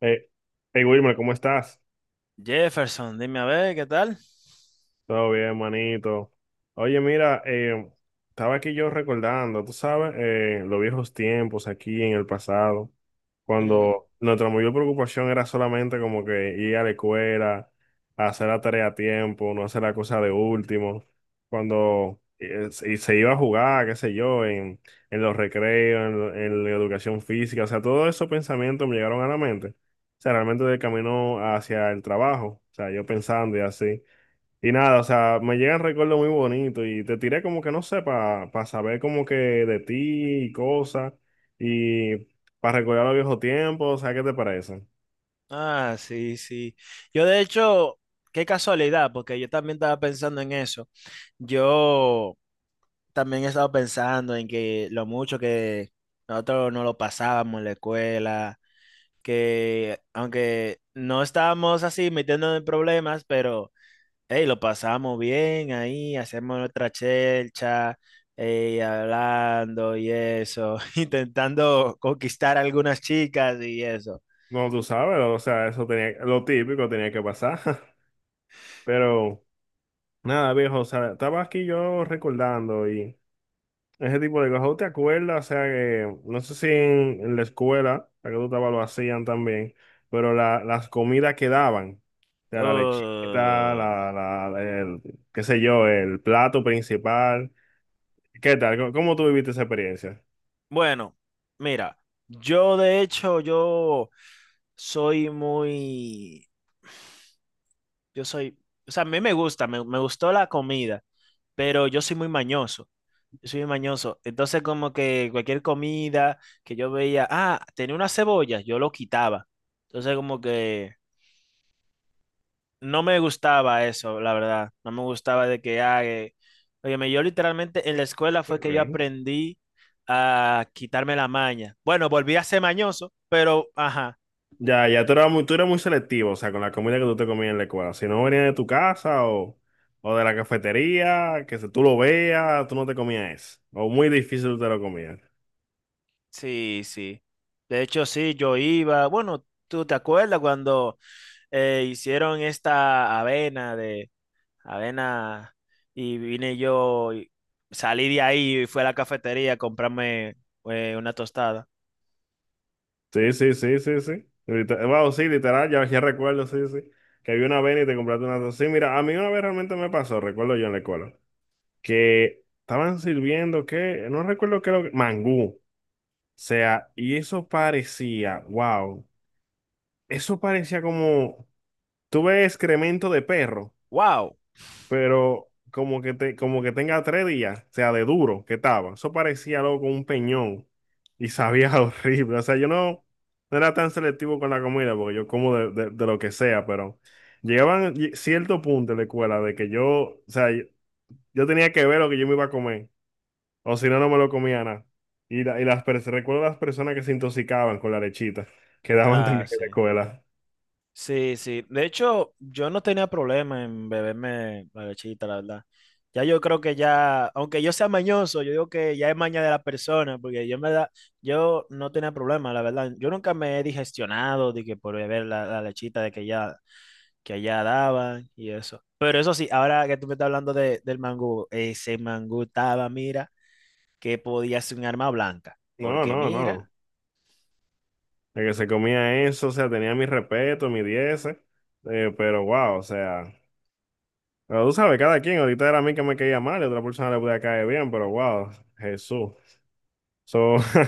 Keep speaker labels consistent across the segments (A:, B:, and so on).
A: Eh, hey Wilmer, ¿cómo estás?
B: Jefferson, dime a ver, ¿qué tal?
A: Todo bien, manito. Oye, mira, estaba aquí yo recordando, tú sabes, los viejos tiempos aquí en el pasado,
B: Mm,
A: cuando nuestra mayor preocupación era solamente como que ir a la escuela, hacer la tarea a tiempo, no hacer la cosa de último, cuando se iba a jugar, qué sé yo, en los recreos, en la educación física, o sea, todos esos pensamientos me llegaron a la mente, o sea, realmente del camino hacia el trabajo, o sea, yo pensando y así. Y nada, o sea, me llegan recuerdos muy bonitos y te tiré como que no sé, para saber como que de ti y cosas y para recordar los viejos tiempos, o sea, ¿qué te parece?
B: ah, sí, sí. Yo de hecho, qué casualidad, porque yo también estaba pensando en eso. Yo también he estado pensando en que lo mucho que nosotros no lo pasábamos en la escuela, que aunque no estábamos así metiéndonos en problemas, pero hey, lo pasábamos bien ahí, hacemos nuestra chelcha, hablando y eso, intentando conquistar a algunas chicas y eso.
A: No, tú sabes, o sea, eso tenía, lo típico tenía que pasar, pero nada, viejo, o sea, estaba aquí yo recordando y... ese tipo de cosas. ¿Tú te acuerdas? O sea, que no sé si en la escuela, la que tú estabas, lo hacían también, pero las comidas que daban, o sea, la lechita,
B: Uh,
A: el, qué sé yo, el plato principal. ¿Qué tal? ¿Cómo, cómo tú viviste esa experiencia?
B: bueno, mira, yo de hecho, yo soy muy, yo soy, o sea, a mí me gusta, me gustó la comida, pero yo soy muy mañoso. Yo soy muy mañoso. Entonces, como que cualquier comida que yo veía, ah, tenía una cebolla, yo lo quitaba. Entonces, como que no me gustaba eso, la verdad. No me gustaba de que haga. Óyeme, yo literalmente en la escuela fue que yo
A: Ok.
B: aprendí a quitarme la maña. Bueno, volví a ser mañoso, pero ajá,
A: Ya, ya tú eras muy selectivo, o sea, con la comida que tú te comías en la escuela. Si no venía de tu casa o de la cafetería, que si tú lo veas, tú no te comías eso. O muy difícil tú te lo comías.
B: sí, sí. De hecho, sí, yo iba. Bueno, ¿tú te acuerdas cuando hicieron esta avena de avena y vine yo, y salí de ahí y fui a la cafetería a comprarme una tostada?
A: Sí, sí, sí, sí, sí. Wow, sí, literal, ya, ya recuerdo, sí, sí. Que había una vez y te compraste una. Sí, mira, a mí una vez realmente me pasó, recuerdo yo en la escuela, que estaban sirviendo, que no recuerdo qué era lo que. Mangú. O sea, y eso parecía, wow, eso parecía como. Tuve excremento de perro,
B: ¡Wow!
A: pero como que, como que tenga tres días, o sea, de duro que estaba. Eso parecía loco un peñón y sabía horrible. O sea, yo no, no era tan selectivo con la comida porque yo como de lo que sea, pero cierto punto en la escuela de que yo, o sea, yo tenía que ver lo que yo me iba a comer, o si no, no me lo comía nada. Y, recuerdo las personas que se intoxicaban con la lechita que daban
B: Ah,
A: también en la
B: sí.
A: escuela.
B: Sí, sí. De hecho, yo no tenía problema en beberme la lechita, la verdad. Ya yo creo que ya, aunque yo sea mañoso, yo digo que ya es maña de la persona, porque yo en verdad, yo no tenía problema, la verdad. Yo nunca me he digestionado de que por beber la lechita de que ya, que allá daban y eso. Pero eso sí, ahora que tú me estás hablando de- del mangú, ese mangú estaba, mira, que podía ser un arma blanca.
A: No,
B: Porque
A: no,
B: mira.
A: no. El que se comía eso, o sea, tenía mi respeto, mi 10, pero wow, o sea, pero tú sabes, cada quien, ahorita era a mí que me caía mal y a otra persona le podía caer bien, pero wow, Jesús. So,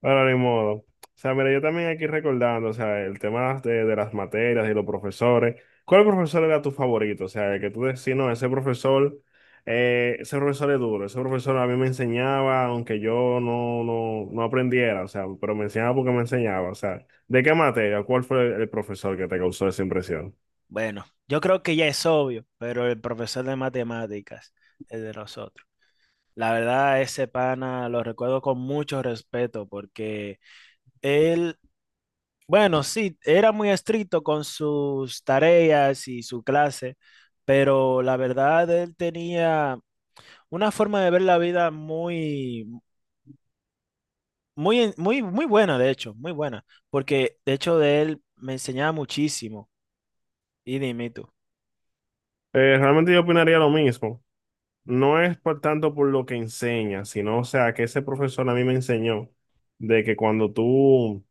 A: bueno, ni modo. O sea, mira, yo también aquí recordando, o sea, el tema de las materias y los profesores. ¿Cuál profesor era tu favorito? O sea, el que tú decís, no, ese profesor es duro, ese profesor a mí me enseñaba, aunque yo no, no, no aprendiera, o sea, pero me enseñaba porque me enseñaba. O sea, ¿de qué materia? ¿Cuál fue el profesor que te causó esa impresión?
B: Bueno, yo creo que ya es obvio, pero el profesor de matemáticas, el de nosotros, la verdad, ese pana lo recuerdo con mucho respeto porque él, bueno, sí, era muy estricto con sus tareas y su clase, pero la verdad, él tenía una forma de ver la vida muy buena, de hecho, muy buena, porque de hecho de él me enseñaba muchísimo, y dime tú,
A: Realmente yo opinaría lo mismo. No es por tanto por lo que enseña, sino, o sea, que ese profesor a mí me enseñó de que cuando tú,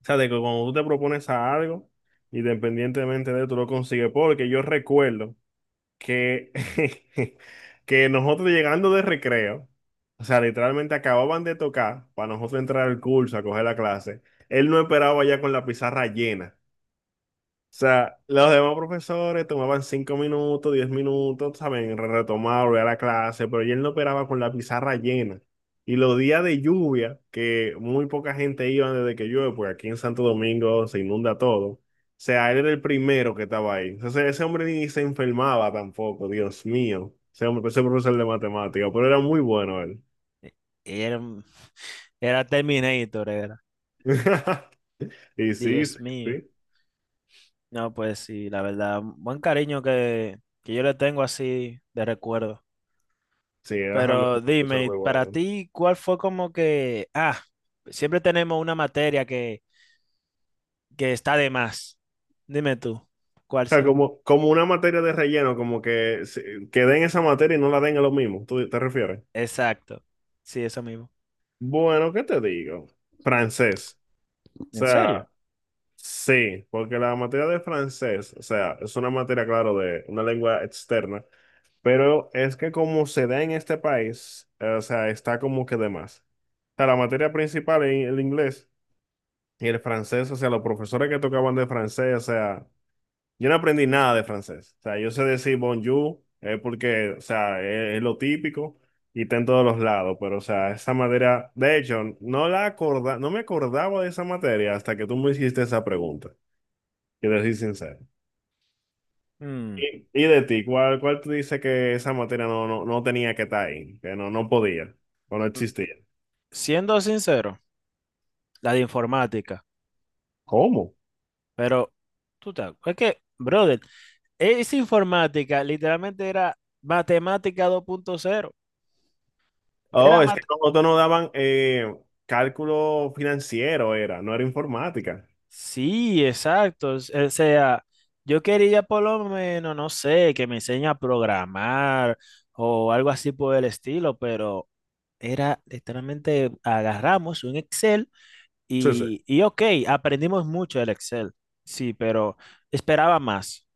A: o sea, de que cuando tú te propones a algo, independientemente de tú lo consigues, porque yo recuerdo que, que nosotros llegando de recreo, o sea, literalmente acababan de tocar para nosotros entrar al curso, a coger la clase, él no esperaba ya con la pizarra llena. O sea, los demás profesores tomaban cinco minutos, diez minutos, ¿saben? Retomar, volver a la clase, pero él no operaba con la pizarra llena. Y los días de lluvia, que muy poca gente iba desde que llueve, porque aquí en Santo Domingo se inunda todo. O sea, él era el primero que estaba ahí. Entonces, ese hombre ni se enfermaba tampoco, Dios mío. Ese hombre, ese profesor de matemáticas, pero era muy bueno él.
B: era, un- era Terminator, era.
A: Y
B: Sí.
A: sí,
B: Dios
A: sí,
B: mío.
A: sí,
B: No, pues sí, la verdad, buen cariño que yo le tengo así de recuerdo.
A: sí, era realmente
B: Pero
A: un profesor
B: dime,
A: muy
B: para
A: bueno.
B: ti, ¿cuál fue como que, ah, siempre tenemos una materia que está de más? Dime tú, ¿cuál
A: Sea,
B: ser
A: como, como una materia de relleno, como que, que den esa materia y no la den a lo mismo, ¿tú te refieres?
B: Exacto, sí, eso mismo.
A: Bueno, ¿qué te digo? Francés. O
B: ¿En serio?
A: sea, sí, porque la materia de francés, o sea, es una materia, claro, de una lengua externa, pero es que como se da en este país, o sea, está como que de más. O sea, la materia principal es el inglés y el francés, o sea, los profesores que tocaban de francés, o sea... Yo no aprendí nada de francés. O sea, yo sé decir bonjour, porque, o sea, es lo típico y está en todos los lados, pero, o sea, esa materia, de hecho, no me acordaba de esa materia hasta que tú me hiciste esa pregunta, quiero decir sincero.
B: Mm,
A: Y de ti, ¿cuál, cuál tú dices que esa materia no, no, no tenía que estar ahí, que no, no podía, o no
B: mm,
A: existía?
B: siendo sincero, la de informática,
A: ¿Cómo?
B: pero tú te, es que, brother, esa informática literalmente era matemática dos punto cero era,
A: Oh, es
B: ma-
A: que como tú no daban cálculo financiero, era, no era informática.
B: sí, exacto. O sea, yo quería por lo menos, no sé, que me enseñe a programar o algo así por el estilo, pero era literalmente agarramos un Excel
A: Sí, sí.
B: y ok, aprendimos mucho del Excel. Sí, pero esperaba más.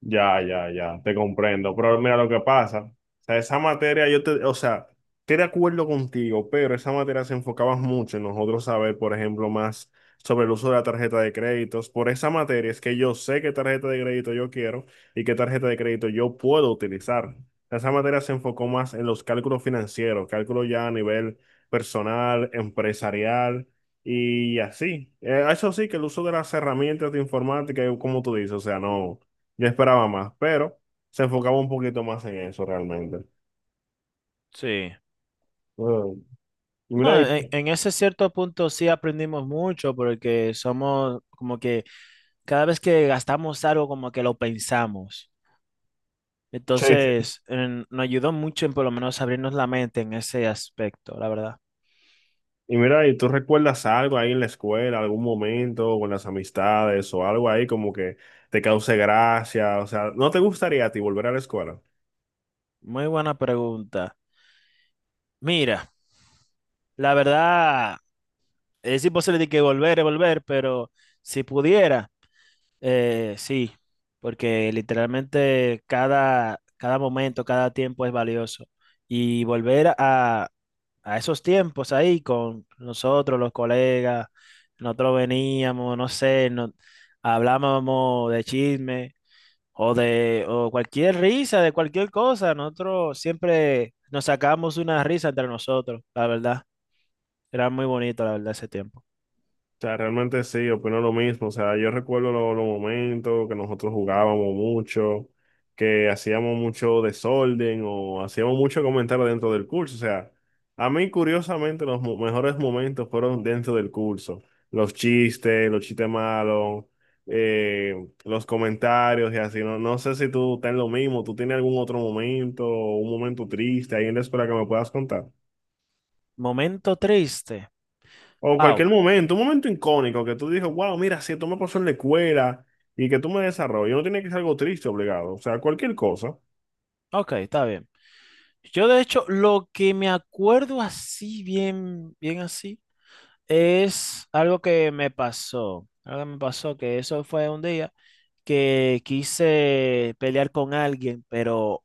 A: Ya, ya, ya, te comprendo. Pero mira lo que pasa. O sea, esa materia, yo te, o sea, estoy de acuerdo contigo, pero esa materia se enfocaba mucho en nosotros saber, por ejemplo, más sobre el uso de la tarjeta de créditos. Por esa materia es que yo sé qué tarjeta de crédito yo quiero y qué tarjeta de crédito yo puedo utilizar. Esa materia se enfocó más en los cálculos financieros, cálculos ya a nivel personal, empresarial. Y así, eh, eso sí, que el uso de las herramientas de informática, como tú dices, o sea, no, yo esperaba más, pero se enfocaba un poquito más en eso realmente.
B: Sí.
A: Mm. Y mira,
B: No,
A: y, sí,
B: en ese cierto punto sí aprendimos mucho porque somos como que cada vez que gastamos algo como que lo pensamos.
A: sí.
B: Entonces, en- nos ayudó mucho en por lo menos abrirnos la mente en ese aspecto, la verdad.
A: Y mira, ¿y tú recuerdas algo ahí en la escuela, algún momento con las amistades o algo ahí como que te cause gracia? O sea, ¿no te gustaría a ti volver a la escuela?
B: Muy buena pregunta. Mira, la verdad, es imposible de que volver y volver, pero si pudiera, sí, porque literalmente cada momento, cada tiempo es valioso. Y volver a esos tiempos ahí con nosotros, los colegas, nosotros veníamos, no sé, no hablábamos de chisme o de o cualquier risa, de cualquier cosa. Nosotros siempre nos sacábamos una risa entre nosotros, la verdad. Era muy bonito, la verdad, ese tiempo.
A: O sea, realmente sí, opino lo mismo. O sea, yo recuerdo los momentos que nosotros jugábamos mucho, que hacíamos mucho desorden o hacíamos mucho comentario dentro del curso. O sea, a mí curiosamente los mejores momentos fueron dentro del curso. Los chistes malos, eh, los comentarios y así. No, no sé si tú estás en lo mismo, tú tienes algún otro momento, un momento triste ahí en la escuela que me puedas contar.
B: Momento triste.
A: O
B: Wow.
A: cualquier momento, un momento icónico que tú dices, wow, mira, si esto me pasó en la escuela y que tú me desarrolles, no tiene que ser algo triste, obligado, o sea, cualquier cosa.
B: Ok, está bien. Yo, de hecho, lo que me acuerdo así, bien, bien así, es algo que me pasó. Algo que me pasó, que eso fue un día que quise pelear con alguien, pero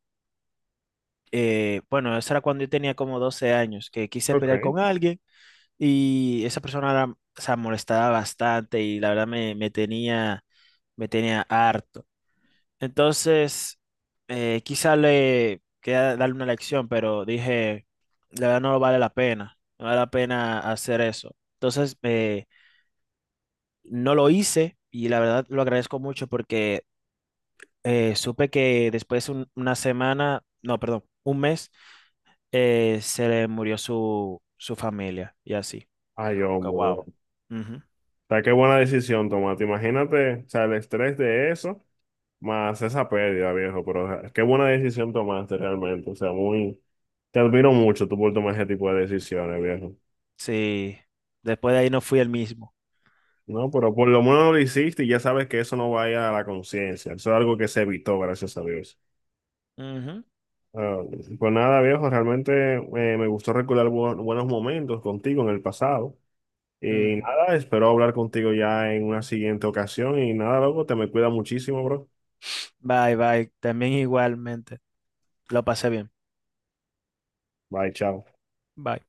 B: bueno, eso era cuando yo tenía como 12 años, que quise
A: Ok.
B: pelear con alguien. Y esa persona era, o sea, molestaba bastante y la verdad me tenía harto. Entonces, quizá le quería darle una lección, pero dije, la verdad no vale la pena, no vale la pena hacer eso. Entonces, no lo hice y la verdad lo agradezco mucho porque supe que después un- una semana, no, perdón, un mes, se le murió su familia y así.
A: Ay,
B: Como que,
A: hombre, bro.
B: wow.
A: O sea, qué buena decisión tomate. Imagínate, o sea, el estrés de eso, más esa pérdida, viejo, pero o sea, qué buena decisión tomaste realmente, o sea, muy, te admiro mucho tú por tomar ese tipo de decisiones, viejo.
B: Sí, después de ahí no fui el mismo.
A: No, pero por lo menos lo hiciste y ya sabes que eso no vaya a la conciencia, eso es algo que se evitó, gracias a Dios.
B: Ujú,
A: Ah, pues nada, viejo, realmente me gustó recordar buenos momentos contigo en el pasado. Y
B: ujú.
A: nada, espero hablar contigo ya en una siguiente ocasión. Y nada, loco, te me cuida muchísimo, bro.
B: Bye, bye. También igualmente. Lo pasé bien.
A: Bye, chao.
B: Bye.